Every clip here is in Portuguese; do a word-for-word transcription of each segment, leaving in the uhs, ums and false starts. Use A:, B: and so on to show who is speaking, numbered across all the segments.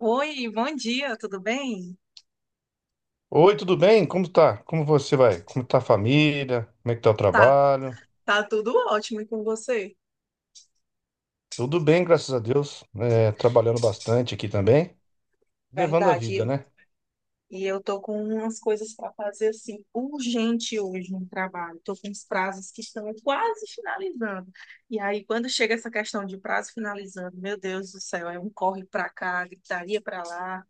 A: Oi, bom dia, tudo bem?
B: Oi, tudo bem? Como tá? Como você vai? Como tá a família? Como é que tá o
A: Tá,
B: trabalho?
A: tá tudo ótimo e com você?
B: Tudo bem, graças a Deus. É, trabalhando bastante aqui também. Levando a
A: Verdade,
B: vida,
A: eu,
B: né?
A: e eu tô com umas coisas para fazer assim, urgente hoje no trabalho. Tô com os prazos que estão quase finalizando. E aí, quando chega essa questão de prazo finalizando, meu Deus do céu, é um corre para cá, gritaria para lá,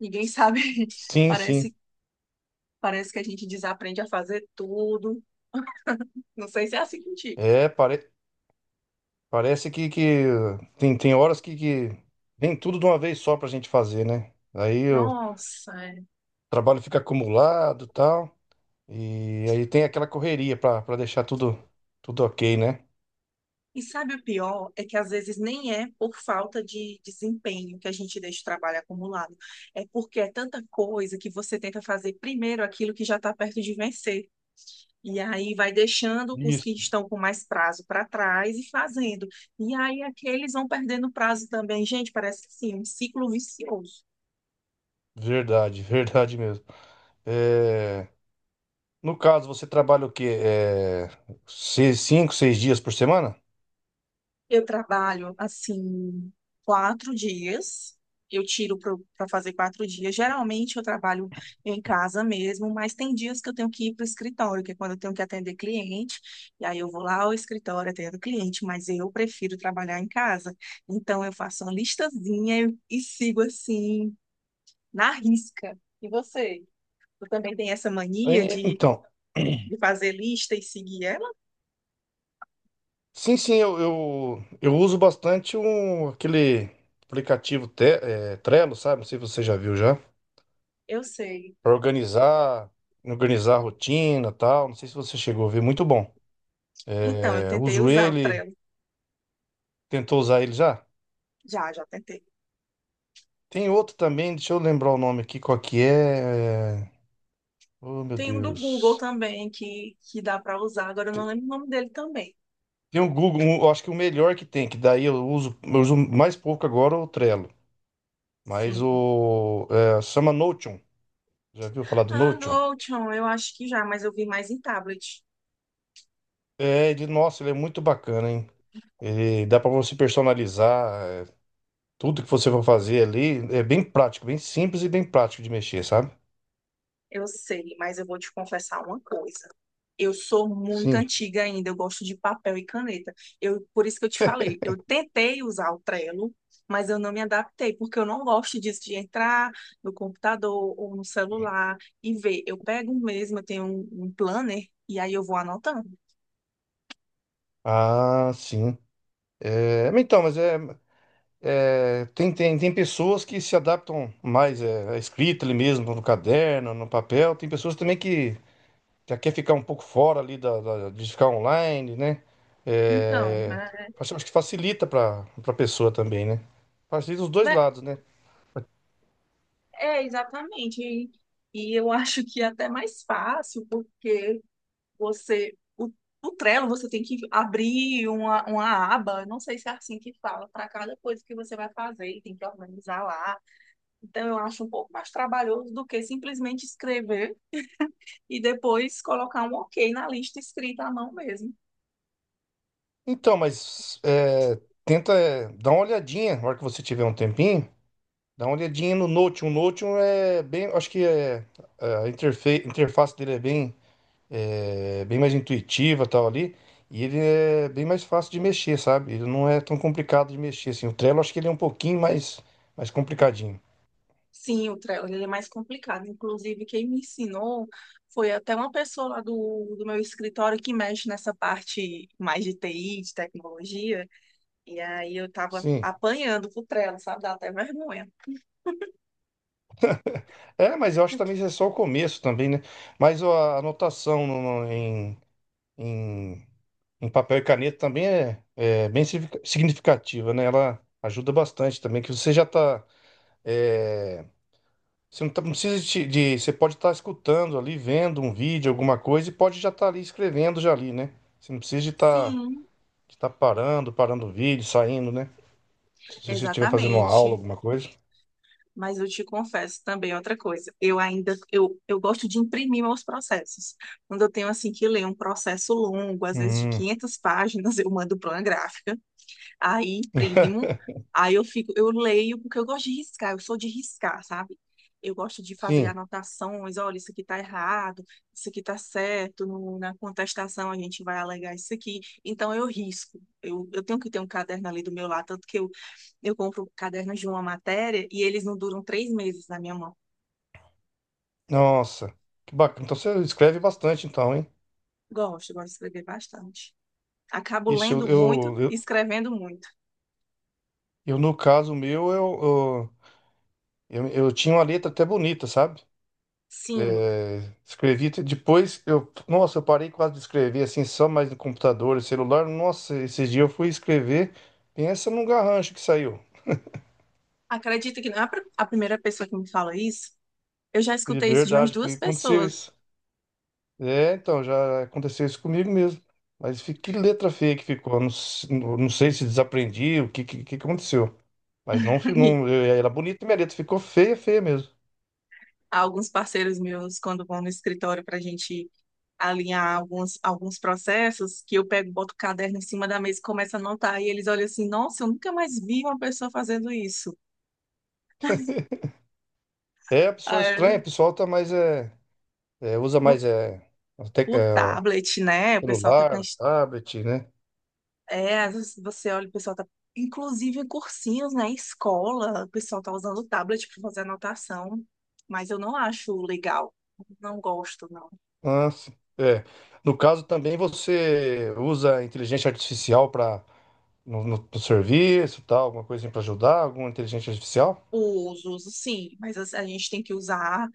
A: ninguém sabe.
B: Sim, sim.
A: Parece, parece que a gente desaprende a fazer tudo. Não sei se é assim contigo.
B: É, pare- Parece que, que tem, tem horas que, que vem tudo de uma vez só pra gente fazer, né? Aí o
A: Nossa,
B: trabalho fica acumulado e tal. E aí tem aquela correria pra, pra deixar tudo, tudo ok, né?
A: e sabe o pior? É que às vezes nem é por falta de desempenho que a gente deixa o trabalho acumulado. É porque é tanta coisa que você tenta fazer primeiro aquilo que já está perto de vencer. E aí vai deixando os que
B: Isso.
A: estão com mais prazo para trás e fazendo. E aí aqueles vão perdendo prazo também. Gente, parece assim, um ciclo vicioso.
B: Verdade, verdade mesmo. É. No caso, você trabalha o quê? É, seis- cinco, seis dias por semana?
A: Eu trabalho assim quatro dias. Eu tiro para fazer quatro dias. Geralmente eu trabalho em casa mesmo, mas tem dias que eu tenho que ir para o escritório, que é quando eu tenho que atender cliente. E aí eu vou lá ao escritório, atendo cliente, mas eu prefiro trabalhar em casa. Então eu faço uma listazinha e sigo assim, na risca. E você? Tu também tem essa mania
B: Aí,
A: de,
B: Então,
A: de fazer lista e seguir ela?
B: sim, sim, eu, eu, eu uso bastante um, aquele aplicativo Te- é, Trello, sabe? Não sei se você já viu já.
A: Eu sei.
B: Para organizar, organizar a rotina e tal. Não sei se você chegou a ver, muito bom.
A: Então, eu
B: É,
A: tentei
B: uso
A: usar o
B: ele,
A: Trello.
B: tentou usar ele já?
A: Já, já tentei.
B: Tem outro também, deixa eu lembrar o nome aqui, qual que é. É, oh, meu
A: Tem um do Google
B: Deus.
A: também que, que dá para usar, agora eu não lembro o nome dele também.
B: Tem o Google, um- eu acho que o melhor que tem, que daí eu uso, eu uso mais pouco agora é o Trello. Mas
A: Sim.
B: o. É, chama Notion. Já viu falar do
A: Ah,
B: Notion?
A: Notion, eu acho que já, mas eu vi mais em tablet.
B: É, de, nossa, ele é muito bacana, hein? Ele dá para você personalizar é, tudo que você for fazer ali. É bem prático, bem simples e bem prático de mexer, sabe?
A: Eu sei, mas eu vou te confessar uma coisa. Eu sou muito
B: Sim.
A: antiga ainda, eu gosto de papel e caneta. Eu, por isso que eu te falei, eu tentei usar o Trello, mas eu não me adaptei, porque eu não gosto disso de entrar no computador ou no celular e ver. Eu pego mesmo, eu tenho um, um planner e aí eu vou anotando.
B: Ah, sim. É, mas então, mas é, é, Tem, tem, tem pessoas que se adaptam mais é, à escrita ali mesmo, no caderno, no papel. Tem pessoas também que já quer ficar um pouco fora ali da, da- de ficar online, né?
A: Então,
B: É,
A: né?
B: acho acho que facilita para a pessoa também, né? Facilita os dois lados, né?
A: É, exatamente. E, e eu acho que é até mais fácil, porque você, o, o Trello, você tem que abrir uma, uma aba, não sei se é assim que fala, para cada coisa que você vai fazer, e tem que organizar lá. Então, eu acho um pouco mais trabalhoso do que simplesmente escrever e depois colocar um ok na lista escrita à mão mesmo.
B: Então, mas é, tenta é, dar uma olhadinha na hora que você tiver um tempinho, dá uma olhadinha no Notion. O Notion é bem, acho que é, é, A interfe- interface dele é bem, é, bem mais intuitiva tal ali. E ele é bem mais fácil de mexer, sabe? Ele não é tão complicado de mexer, assim. O Trello, acho que ele é um pouquinho mais, mais complicadinho.
A: Sim, o Trello, ele é mais complicado. Inclusive, quem me ensinou foi até uma pessoa lá do, do meu escritório que mexe nessa parte mais de T I, de tecnologia. E aí eu tava
B: Sim.
A: apanhando pro Trello, sabe? Dá até vergonha.
B: É, mas eu acho que também isso é só o começo também, né? Mas ó, a anotação no- no- em, em, em papel e caneta também é, é bem significa- significativa, né? Ela ajuda bastante também, que você já tá... é, você não, tá- não precisa de, de- Você pode estar escutando ali, vendo um vídeo, alguma coisa, e pode já estar ali escrevendo já ali, né? Você não precisa de estar
A: Sim,
B: de tá parando, parando o vídeo, saindo, né? Se se você estiver fazendo uma aula,
A: exatamente.
B: alguma coisa.
A: Mas eu te confesso também outra coisa. Eu ainda, eu, eu gosto de imprimir meus processos. Quando eu tenho, assim, que ler um processo longo, às vezes de
B: Hum,
A: quinhentas páginas, eu mando para uma gráfica. Aí imprimo, aí eu fico, eu leio, porque eu gosto de riscar, eu sou de riscar, sabe? Eu gosto de fazer
B: sim.
A: anotações, olha, isso aqui tá errado, isso aqui tá certo, no- na contestação a gente vai alegar isso aqui. Então eu risco. Eu, eu tenho que ter um caderno ali do meu lado, tanto que eu, eu compro cadernos de uma matéria e eles não duram três meses na minha mão.
B: Nossa, que bacana. Então você escreve bastante, então, hein?
A: Gosto, gosto de escrever bastante. Acabo
B: Ixi, eu,
A: lendo muito
B: eu,
A: e
B: eu,
A: escrevendo muito.
B: eu, no caso meu, eu, eu, eu, eu tinha uma letra até bonita, sabe?
A: Sim,
B: É, escrevi, te- depois eu, nossa, eu parei quase de escrever assim, só mais no computador, celular. Nossa, esse dia eu fui escrever, pensa num garrancho que saiu.
A: acredito que não é a pr- a primeira pessoa que me fala isso. Eu já
B: De
A: escutei isso de umas
B: verdade,
A: duas
B: comigo aconteceu
A: pessoas.
B: isso. É, então, já aconteceu isso comigo mesmo. Mas fi- que letra feia que ficou. Eu Não, s- não não sei se desaprendi, o que, que, que aconteceu. Mas não, fi-
A: E
B: não, eu- era bonita e minha letra, ficou feia, feia mesmo.
A: alguns parceiros meus, quando vão no escritório para a gente alinhar alguns, alguns processos, que eu pego, boto o caderno em cima da mesa e começo a anotar. E eles olham assim, nossa, eu nunca mais vi uma pessoa fazendo isso.
B: É, a pessoa
A: Ah, é.
B: estranha, o pessoal tá mais, é, é, usa
A: No,
B: mais é, até,
A: o
B: é,
A: tablet, né? O pessoal tá com...
B: celular,
A: as-
B: tablet, né?
A: É, às vezes você olha, o pessoal tá... Inclusive em cursinhos, né? Escola, o pessoal tá usando o tablet para fazer anotação. Mas eu não acho legal. Não gosto, não.
B: Ah, sim. É. No caso também você usa a inteligência artificial para no, no- no serviço, tal, alguma coisa assim para ajudar, alguma inteligência artificial?
A: Os uso, sim, mas assim, a gente tem que usar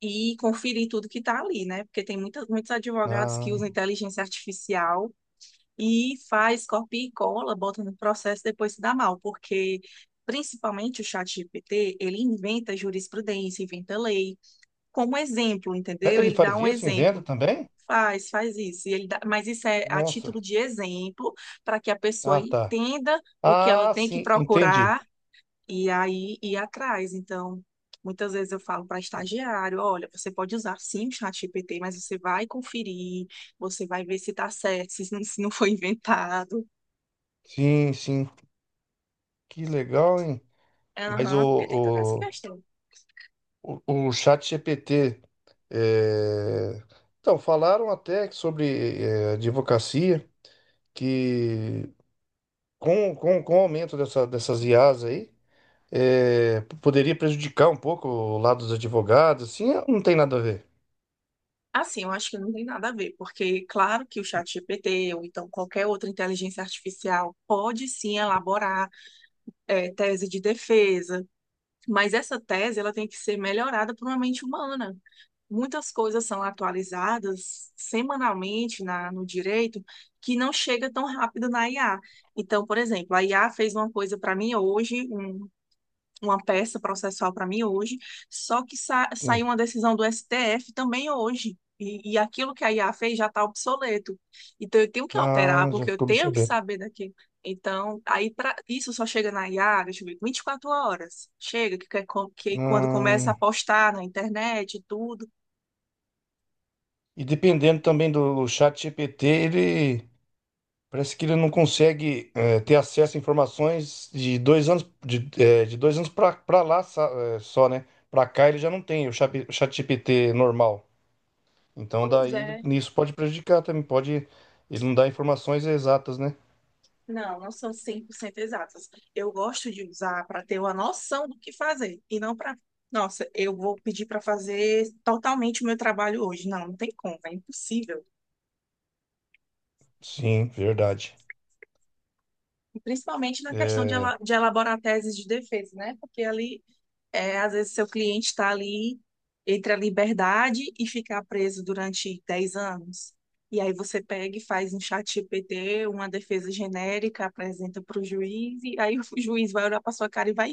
A: e conferir tudo que está ali, né? Porque tem muita, muitos advogados que usam
B: Ah,
A: inteligência artificial e faz copia e cola, bota no processo, e depois se dá mal, porque principalmente o chat G P T ele inventa jurisprudência, inventa lei, como exemplo,
B: é,
A: entendeu?
B: ele
A: Ele dá
B: faz
A: um
B: isso, inventa
A: exemplo,
B: também?
A: faz, faz isso, e ele dá, mas isso é a
B: Nossa.
A: título de exemplo, para que a pessoa
B: Ah, tá.
A: entenda o que ela
B: Ah,
A: tem que
B: sim, entendi.
A: procurar e aí ir atrás. Então, muitas vezes eu falo para estagiário, olha, você pode usar sim o ChatGPT, mas você vai conferir, você vai ver se está certo, se não, se não foi inventado.
B: Sim, sim. Que legal, hein? Mas
A: Aham, porque tem toda essa
B: o,
A: questão.
B: O, o ChatGPT. É... Então, falaram até que sobre é, advocacia, que com, com, com o aumento dessa, dessas I As aí, é, p- poderia prejudicar um pouco o lado dos advogados. Assim, não tem nada a ver.
A: Assim, eu acho que não tem nada a ver, porque claro que o ChatGPT ou então qualquer outra inteligência artificial pode sim elaborar eh, tese de defesa, mas essa tese ela tem que ser melhorada por uma mente humana. Muitas coisas são atualizadas semanalmente na, no direito que não chega tão rápido na I A. Então, por exemplo, a I A fez uma coisa para mim hoje, um- uma peça processual para mim hoje, só que sa- saiu
B: Sim.
A: uma decisão do S T F também hoje. E, e aquilo que a I A fez já está obsoleto. Então, eu tenho que alterar,
B: Não, já
A: porque eu
B: ficou
A: tenho que
B: obsoleto.
A: saber daquilo. Então, aí pra, isso só chega na I A, deixa eu ver, vinte e quatro horas. Chega, que, que é co- que é quando começa a
B: Não.
A: postar na internet e tudo.
B: E dependendo também do ChatGPT, ele. Parece que ele não consegue eh, ter acesso a informações de dois anos de, eh, de dois anos pra pra lá sa- eh, só, né? Pra cá ele já não tem o chat ChatGPT normal. Então
A: Pois
B: daí
A: é.
B: nisso pode prejudicar também, pode ele não dá informações exatas, né?
A: Não, não são cem por cento exatas. Eu gosto de usar para ter uma noção do que fazer e não para, nossa, eu vou pedir para fazer totalmente o meu trabalho hoje. Não, não tem como, é impossível.
B: Sim, verdade.
A: E principalmente na questão de,
B: É...
A: ela- de elaborar teses de defesa, né? Porque ali, é, às vezes, seu cliente está ali entre a liberdade e ficar preso durante dez anos. E aí você pega e faz um chat G P T, uma defesa genérica, apresenta para o juiz, e aí o juiz vai olhar para sua cara e vai.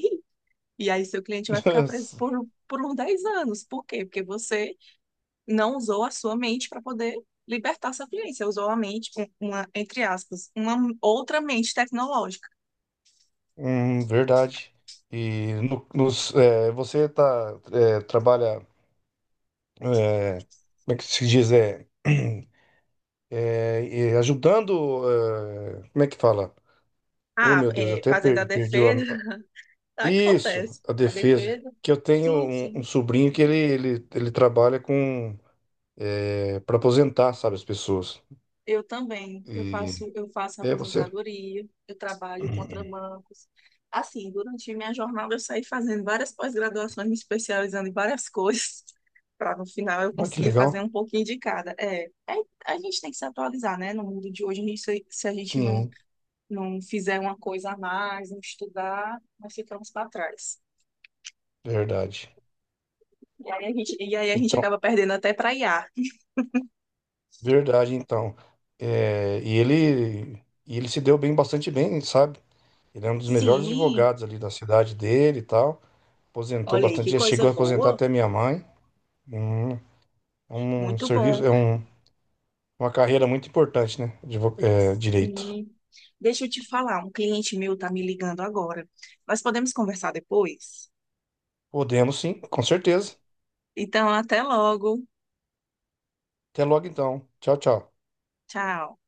A: E aí seu cliente vai ficar preso por, por uns dez anos. Por quê? Porque você não usou a sua mente para poder libertar seu cliente. Você usou a mente, um- uma, entre aspas, uma outra mente tecnológica.
B: hum, verdade. E no- nos, eh, você tá eh, trabalha eh, como é que se diz é, eh, e ajudando eh, como é que fala? Oh,
A: Ah,
B: meu Deus, eu
A: é,
B: até
A: fazendo a
B: per- perdi o...
A: defesa,
B: am- Isso,
A: acontece.
B: a
A: A
B: defesa.
A: defesa,
B: Que eu tenho
A: sim,
B: um, um
A: sim.
B: sobrinho que ele, ele, ele trabalha com... É, para aposentar, sabe, as pessoas.
A: Eu também. Eu
B: E...
A: faço, eu faço
B: É você?
A: aposentadoria, eu trabalho contra bancos. Assim, durante minha jornada eu saí fazendo várias pós-graduações, me especializando em várias coisas, para no final eu
B: Olha que
A: conseguir fazer
B: legal.
A: um pouquinho de cada. É, é, a gente tem que se atualizar, né? No mundo de hoje, a gente, se se a gente não,
B: Sim,
A: não fizer uma coisa a mais, não estudar, nós ficamos para trás.
B: verdade.
A: E aí a gente, e aí a gente
B: Então,
A: acaba perdendo até para I A.
B: verdade, então. É, e ele, e ele se deu bem, bastante bem, sabe? Ele é um dos melhores
A: Sim,
B: advogados ali da cidade dele e tal. Aposentou
A: olha aí
B: bastante,
A: que
B: já
A: coisa
B: chegou a aposentar
A: boa,
B: até minha mãe. Hum, é um
A: muito
B: serviço,
A: bom.
B: é um. Uma carreira muito importante, né? Advo- é, direito.
A: Sim. Deixa eu te falar, um cliente meu tá me ligando agora. Nós podemos conversar depois?
B: Podemos sim, com certeza.
A: Então, até logo.
B: Até logo então. Tchau, tchau.
A: Tchau.